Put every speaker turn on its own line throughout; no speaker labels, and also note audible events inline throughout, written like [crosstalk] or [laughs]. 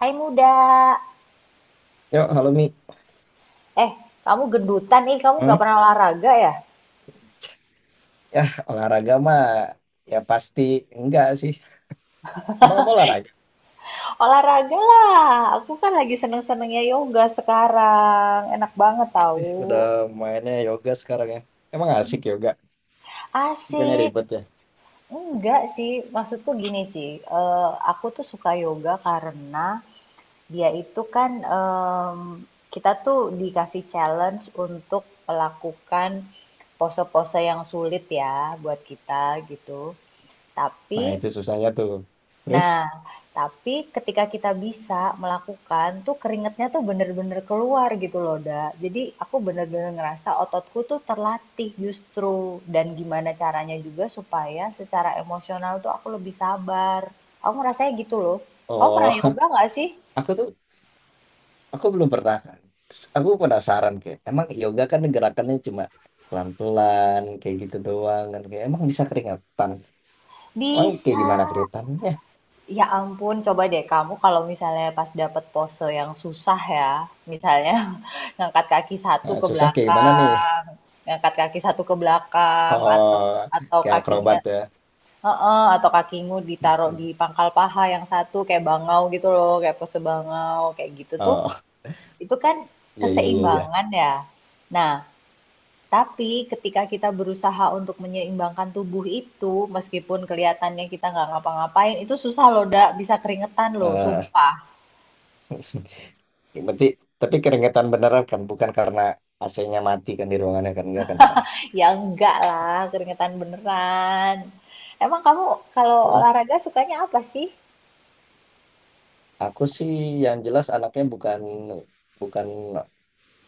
Hai muda,
Yuk, halo Mi.
eh kamu gendutan nih, kamu nggak
Hmm?
pernah olahraga ya?
Ya, olahraga mah ya pasti enggak sih. Emang apa olahraga?
Olahraga lah, aku kan lagi seneng-senengnya yoga sekarang, enak banget
Ih, udah
tahu.
mainnya yoga sekarang ya. Emang asik yoga. Bukannya
Asik,
ribet ya.
enggak sih, maksudku gini sih, aku tuh suka yoga karena dia itu kan em, kita tuh dikasih challenge untuk melakukan pose-pose yang sulit ya buat kita gitu. Tapi
Nah, itu susahnya tuh. Terus,
Nah, tapi ketika kita bisa melakukan tuh keringetnya tuh bener-bener keluar gitu loh, Da. Jadi aku bener-bener ngerasa ototku tuh terlatih justru. Dan gimana caranya juga supaya secara emosional tuh aku lebih sabar. Aku ngerasanya gitu loh. Kamu
oh,
pernah yoga nggak sih?
[laughs] aku tuh, aku belum pernah kan. Terus aku penasaran kayak, emang yoga kan gerakannya cuma pelan-pelan, kayak gitu doang kan. Kayak, emang bisa keringetan. Emang kayak
Bisa.
gimana keringetannya?
Ya ampun, coba deh kamu kalau misalnya pas dapet pose yang susah ya, misalnya [laughs] ngangkat kaki satu
Nah,
ke
susah kayak gimana nih? [laughs]
belakang, ngangkat kaki satu ke belakang,
Oh,
atau
kayak
kakinya,
akrobat ya.
heeh, atau kakimu
Hmm,
ditaruh
hmm.
di pangkal paha yang satu kayak bangau gitu loh, kayak pose bangau kayak gitu tuh,
Oh,
itu kan
iya, iya, iya, iya.
keseimbangan ya. Nah, tapi ketika kita berusaha untuk menyeimbangkan tubuh itu, meskipun kelihatannya kita nggak ngapa-ngapain, itu susah loh, Dak. Bisa keringetan loh,
Eh,
sumpah.
berarti tapi keringetan beneran kan bukan karena AC-nya mati kan di ruangannya kan enggak kan ya.
Ya enggak lah, keringetan beneran. Emang kamu kalau
Eh,
olahraga sukanya apa sih?
aku sih yang jelas anaknya bukan bukan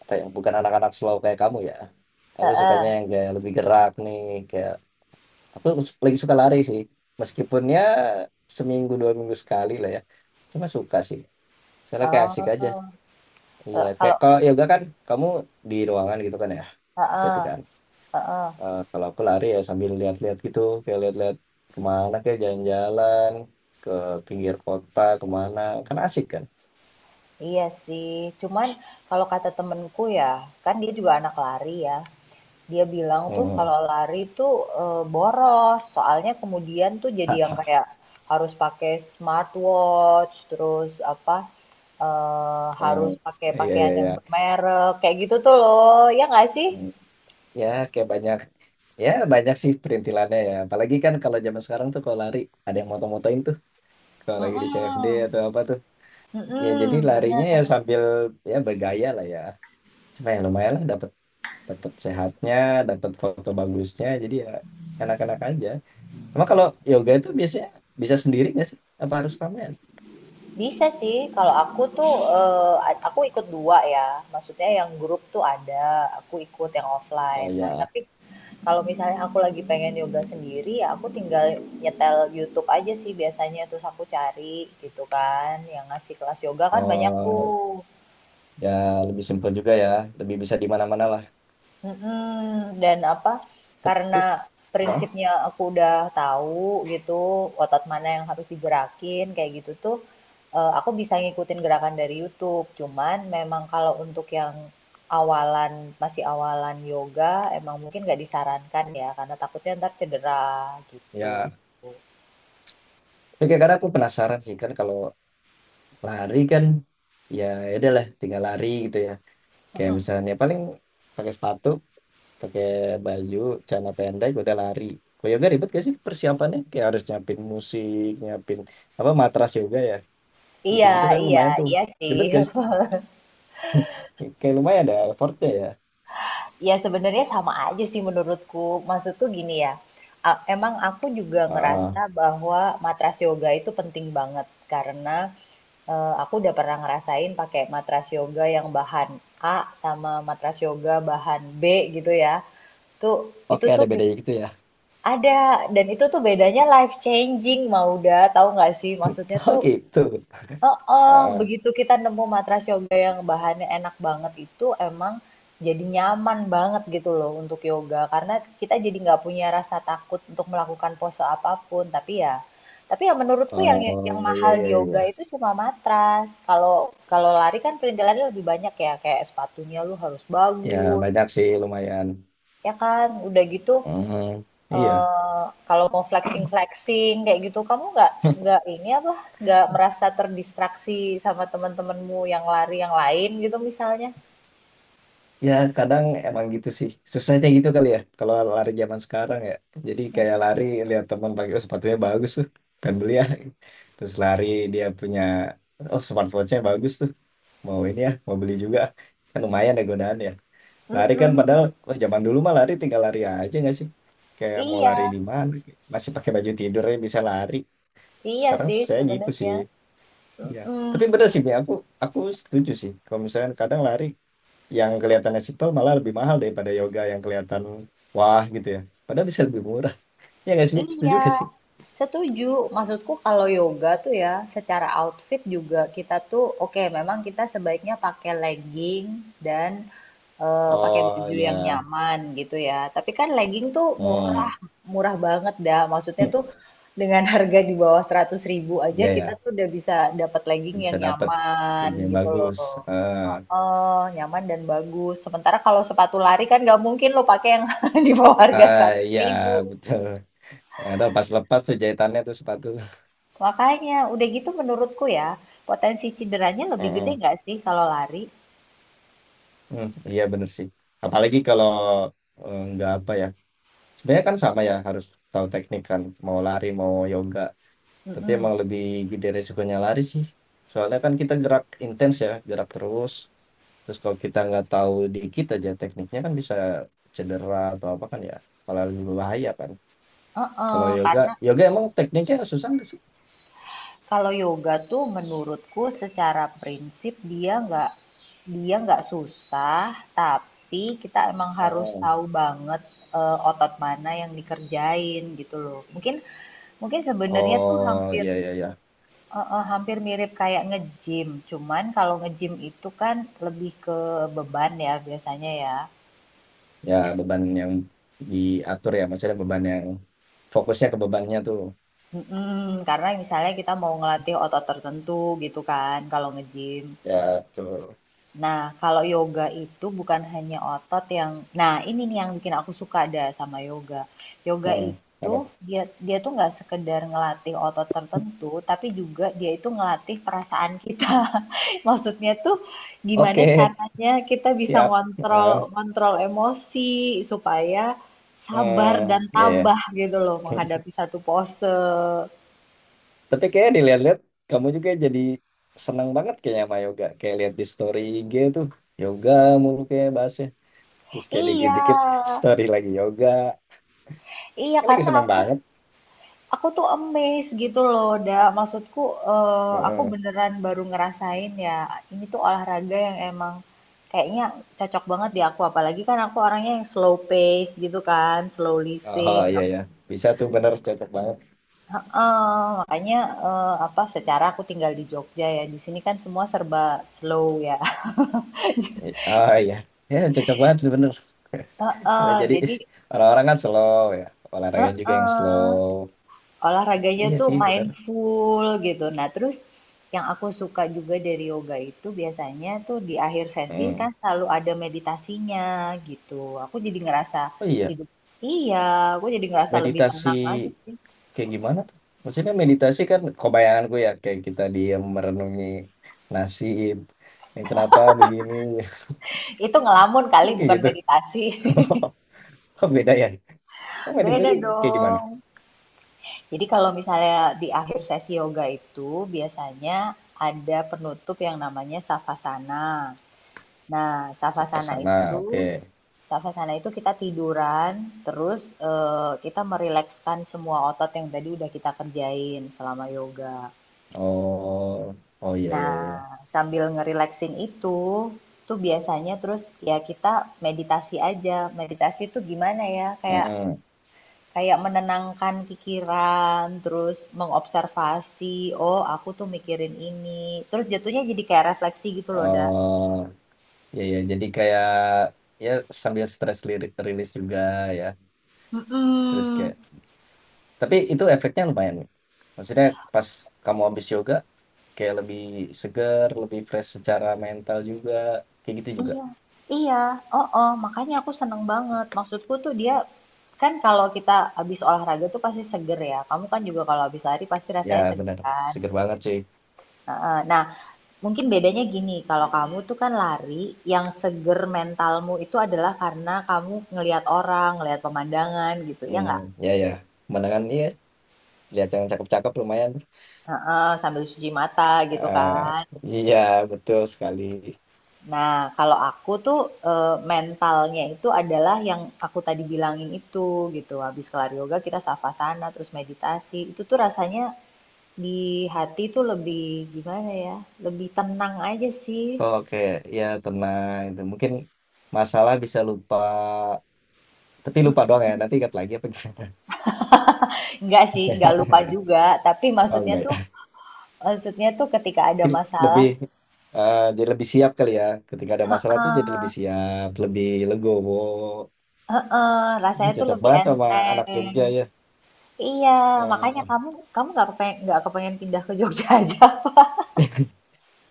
apa ya, bukan anak-anak slow kayak kamu ya. Aku
Heeh.
sukanya yang kayak lebih gerak nih kayak aku lagi suka lari sih. Meskipun ya seminggu dua minggu sekali lah ya. Cuma suka sih. Soalnya kayak asik aja.
Oh.
Iya,
Eh,
kayak
Kalau
kalau yoga kan kamu di ruangan gitu kan ya. Berarti
Heeh,
kan.
heeh.
Eh, kalau aku lari ya sambil lihat-lihat gitu, kayak lihat-lihat kemana kayak jalan-jalan ke pinggir kota kemana, kan asik kan?
Iya sih. Cuman kalau kata temenku ya, kan dia juga anak lari ya. Dia bilang tuh
Hmm.
kalau lari tuh, boros, soalnya kemudian tuh jadi yang
[laughs]
kayak harus pakai smartwatch, terus apa,
Hmm.
harus pakai
Iya iya
pakaian yang
iya.
bermerek, kayak gitu tuh loh, ya nggak sih?
Hmm. Ya kayak banyak ya banyak sih perintilannya ya. Apalagi kan kalau zaman sekarang tuh kalau lari ada yang moto-motoin tuh kalau lagi di CFD
Mhm,
atau apa tuh. Ya jadi
mhm,
larinya ya
bener.
sambil ya bergaya lah ya. Cuma ya lumayan lah dapat dapat sehatnya, dapat foto bagusnya. Jadi ya enak-enak aja. Cuma kalau yoga itu biasanya bisa sendiri nggak sih? Apa harus ramean?
Bisa sih, kalau aku tuh, eee, a aku ikut 2 ya, maksudnya yang grup tuh ada, aku ikut yang
Oh
offline. Nah,
ya,
tapi kalau misalnya aku lagi pengen yoga sendiri, ya aku tinggal nyetel YouTube aja sih biasanya, terus aku cari gitu kan, yang ngasih kelas yoga kan banyak
oh
tuh.
ya lebih simpel juga ya, lebih bisa di mana-mana lah.
Mhm, dan apa,
Tapi,
karena
oh,
prinsipnya aku udah tahu gitu, otot mana yang harus digerakin kayak gitu tuh, aku bisa ngikutin gerakan dari YouTube. Cuman memang kalau untuk yang awalan masih awalan yoga emang mungkin nggak disarankan ya, karena takutnya ntar cedera gitu.
ya, tapi kadang aku penasaran sih kan kalau lari kan, ya ya udah lah, tinggal lari gitu ya. Kayak misalnya paling pakai sepatu, pakai baju, celana pendek, udah lari. Kalau yoga ribet gak sih persiapannya? Kayak harus nyiapin musik, nyiapin apa matras yoga ya,
Iya
gitu-gitu kan
iya
lumayan tuh.
iya sih.
Ribet gak sih?
[laughs]
Kayak lumayan ada effortnya ya.
Ya sebenarnya sama aja sih menurutku. Maksudku gini ya, emang aku juga ngerasa
Ah.
bahwa matras yoga itu penting banget karena aku udah pernah ngerasain pakai matras yoga yang bahan A sama matras yoga bahan B gitu ya. Tuh itu
Oke, ada
tuh bi-
bedanya gitu ya.
ada dan itu tuh bedanya life changing, Mauda, tahu nggak sih? Maksudnya
[laughs] Oh
tuh
gitu.
oh,
Ah,
begitu kita nemu matras yoga yang bahannya enak banget itu emang jadi nyaman banget gitu loh untuk yoga karena kita jadi nggak punya rasa takut untuk melakukan pose apapun, tapi ya menurutku yang
oh
yang
iya
mahal di
iya
yoga
iya.
itu cuma matras. Kalau kalau lari kan perintilannya lebih banyak ya, kayak sepatunya lu harus
Ya
bagus,
banyak sih lumayan.
ya kan. Udah gitu,
Mhm, iya.
Kalau mau flexing-flexing kayak gitu, kamu nggak ini apa, nggak merasa terdistraksi sama teman-temanmu yang lari yang lain gitu misalnya?
Ya kadang emang gitu sih. Susahnya gitu kali ya. Kalau lari zaman sekarang ya. Jadi kayak lari lihat teman pakai "Oh, sepatunya bagus tuh. Pengen beli ya. Terus lari dia punya oh smartwatchnya bagus tuh. Mau ini ya, mau beli juga. Kan lumayan ya godaan ya.
Mhm,
Lari kan
mhm,
padahal wah, zaman dulu mah lari tinggal lari aja nggak sih? Kayak mau lari
iya,
di mana, masih pakai baju tidur aja bisa lari.
iya
Sekarang
sih
saya gitu sih.
sebenarnya,
Ya, tapi
mhm.
bener sih, Mi. Aku setuju sih. Kalau misalnya kadang lari yang kelihatannya simpel malah lebih mahal daripada yoga yang kelihatan wah gitu ya. Padahal bisa lebih murah. Ya nggak sih, Mi? Setuju
Iya,
nggak sih?
setuju. Maksudku kalau yoga tuh ya, secara outfit juga kita tuh oke, memang kita sebaiknya pakai legging dan pakai
Oh
baju yang
ya,
nyaman gitu ya. Tapi kan legging tuh murah,
hmm,
murah banget dah. Maksudnya
hmm.
tuh dengan harga di bawah seratus ribu aja
Iya ya,
kita tuh udah bisa dapat legging
bisa
yang
dapat
nyaman
baju yang
gitu loh.
bagus. Eh,
Heeh, nyaman dan bagus. Sementara kalau sepatu lari kan nggak mungkin lo pakai yang [laughs] di bawah harga
ah,
seratus
iya
ribu.
betul. Ya, udah pas lepas tuh jahitannya tuh sepatu.
Makanya, udah gitu menurutku ya, potensi cederanya lebih gede
Heeh.
nggak sih kalau lari?
Hmm, iya bener sih. Apalagi kalau eh, nggak apa ya. Sebenarnya kan sama ya harus tahu teknik kan. Mau lari mau yoga. Tapi
Mm-mm.
emang lebih gede resikonya lari sih. Soalnya kan kita gerak intens ya, gerak terus. Terus kalau kita nggak tahu dikit aja tekniknya kan bisa cedera atau apa kan ya. Malah lebih bahaya kan. Kalau
Heeh,
yoga,
karena
yoga emang tekniknya susah nggak sih?
kalau yoga tuh menurutku secara prinsip dia nggak susah, tapi kita emang harus
Oh,
tahu banget, otot mana yang dikerjain gitu loh. Mungkin Mungkin sebenarnya tuh
oh
hampir
iya iya iya.
hampir mirip kayak nge-gym, cuman kalau nge-gym itu kan lebih ke beban ya biasanya ya.
Ya beban yang diatur ya. Maksudnya beban yang fokusnya ke bebannya tuh.
Mhm, karena misalnya kita mau ngelatih otot tertentu gitu kan kalau nge-gym.
Ya, betul.
Nah, kalau yoga itu bukan hanya otot yang nah ini nih yang bikin aku suka dah sama yoga. Yoga
Hmm,
itu
apa tuh?
dia dia tuh nggak sekedar ngelatih otot tertentu, tapi juga dia itu ngelatih perasaan kita. [laughs] Maksudnya tuh gimana
Oke,
caranya kita bisa
siap.
ngontrol
Eh,
kontrol emosi supaya sabar dan
hmm, ya, ya.
tabah gitu loh menghadapi
[laughs]
satu pose.
Tapi kayaknya dilihat-lihat, kamu juga jadi senang banget kayaknya sama yoga. Kayak lihat di story IG tuh, yoga mulu kayak bahasnya. Terus kayak
Iya,
dikit-dikit [laughs] story lagi yoga.
iya
Kayak lagi
karena
senang
aku
banget.
aku tuh amazed gitu loh, da. Maksudku aku
Heeh.
beneran baru ngerasain ya, ini tuh olahraga yang emang kayaknya cocok banget di aku. Apalagi kan aku orangnya yang slow pace gitu kan, slow
Oh,
living.
iya, ya. Bisa tuh bener, cocok banget.
Heeh, makanya apa? Secara aku tinggal di Jogja ya, di sini kan semua serba slow ya.
Ah iya. Ya, cocok banget tuh bener.
[laughs]
[laughs] Soalnya
Heeh,
jadi
jadi
orang-orang kan slow ya. Olahraga juga yang
heeh.
slow.
Olahraganya
Iya
tuh
sih, bener.
mindful gitu. Nah, terus yang aku suka juga dari yoga itu biasanya tuh di akhir sesi
Hmm.
kan selalu ada meditasinya gitu. Aku jadi ngerasa
Oh iya,
hidup. Iya, aku jadi ngerasa lebih
meditasi
tenang aja sih.
kayak gimana tuh? Maksudnya meditasi kan kebayanganku ya kayak kita diam merenungi nasib yang kenapa begini.
Itu ngelamun
[laughs]
kali,
Emang
bukan
gitu.
meditasi. [laughs]
[laughs] Beda ya. Emang meditasi
Beda
kayak gimana.
dong. Jadi kalau misalnya di akhir sesi yoga itu biasanya ada penutup yang namanya savasana. Nah, savasana
Savasana,
itu
oke.
Savasana itu kita tiduran, terus kita merilekskan semua otot yang tadi udah kita kerjain selama yoga.
Oh, oh iya iya
Nah,
iya.
sambil ngerileksin itu, tuh biasanya terus ya kita meditasi aja. Meditasi itu gimana ya? Kayak
Mm-mm.
kayak menenangkan pikiran, terus mengobservasi, oh aku tuh mikirin ini. Terus jatuhnya jadi kayak refleksi gitu loh, Da.
Oh iya iya, jadi kayak ya sambil stress lirik rilis juga ya, terus
Mm-mm.
kayak. Tapi itu efeknya lumayan, Mi. Maksudnya pas kamu habis yoga, kayak lebih seger, lebih fresh secara mental juga. Kayak gitu juga.
Iya, iya, oh makanya aku seneng banget. Maksudku tuh dia, kan kalau kita habis olahraga tuh pasti seger ya. Kamu kan juga kalau habis lari pasti
Ya
rasanya seger
benar,
kan.
seger banget sih.
Heeh. Nah, mungkin bedanya gini, kalau kamu tuh kan lari, yang seger mentalmu itu adalah karena kamu ngelihat orang, ngelihat pemandangan gitu, ya
Hmm,
nggak?
ya ya. Pemandangan iya, lihat yang cakep-cakep lumayan.
Heeh, sambil cuci mata gitu
Ah,
kan.
iya, betul sekali.
Nah, kalau aku tuh, mentalnya itu adalah yang aku tadi bilangin itu gitu, habis kelar yoga kita savasana, terus meditasi, itu tuh rasanya di hati tuh lebih gimana ya, lebih tenang aja sih.
Kok kayak ya tenang itu. Mungkin masalah bisa lupa, tapi lupa doang ya. Nanti ingat lagi apa gimana?
Enggak sih, enggak lupa
[laughs]
juga, tapi
Oh,
maksudnya
enggak
tuh
ya.
ketika ada
Mungkin
masalah
lebih dia lebih siap kali ya ketika ada masalah tuh jadi lebih siap, lebih legowo,
heeh, rasanya tuh
cocok
lebih
banget sama anak
enteng.
Jogja ya.
Iya, makanya
Eh,
kamu kamu nggak nggak kepengen pindah ke Jogja aja? [laughs]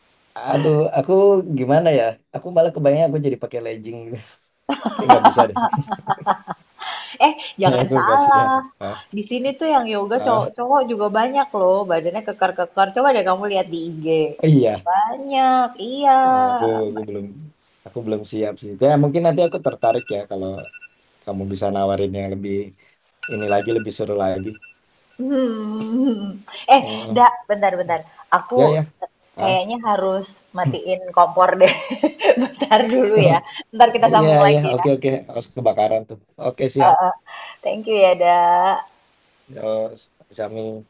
[laughs] aduh, aku gimana ya, aku malah kebayang aku jadi pakai legging. [laughs] Kayak nggak bisa deh.
Eh,
[laughs] Kayak
jangan
aku nggak
salah.
siap, ah,
Di sini tuh yang yoga
ah,
cowok-cowok juga banyak loh, badannya kekar-kekar. Coba deh kamu lihat di IG.
iya.
Banyak, iya.
Wah, aku belum siap sih ya, mungkin nanti aku tertarik ya kalau kamu bisa nawarin yang lebih ini lagi, lebih seru lagi.
Hmm. Eh,
Mm,
dak, bentar-bentar.
ya
Aku
ya ah.
kayaknya harus matiin kompor deh. [laughs] Bentar dulu ya.
[laughs]
Ntar kita
Iya,
sambung
iya,
lagi ya.
oke, oke. Harus kebakaran tuh. Oke,
Eh,
siap.
eh. Thank you ya, dak.
Eh, Sami.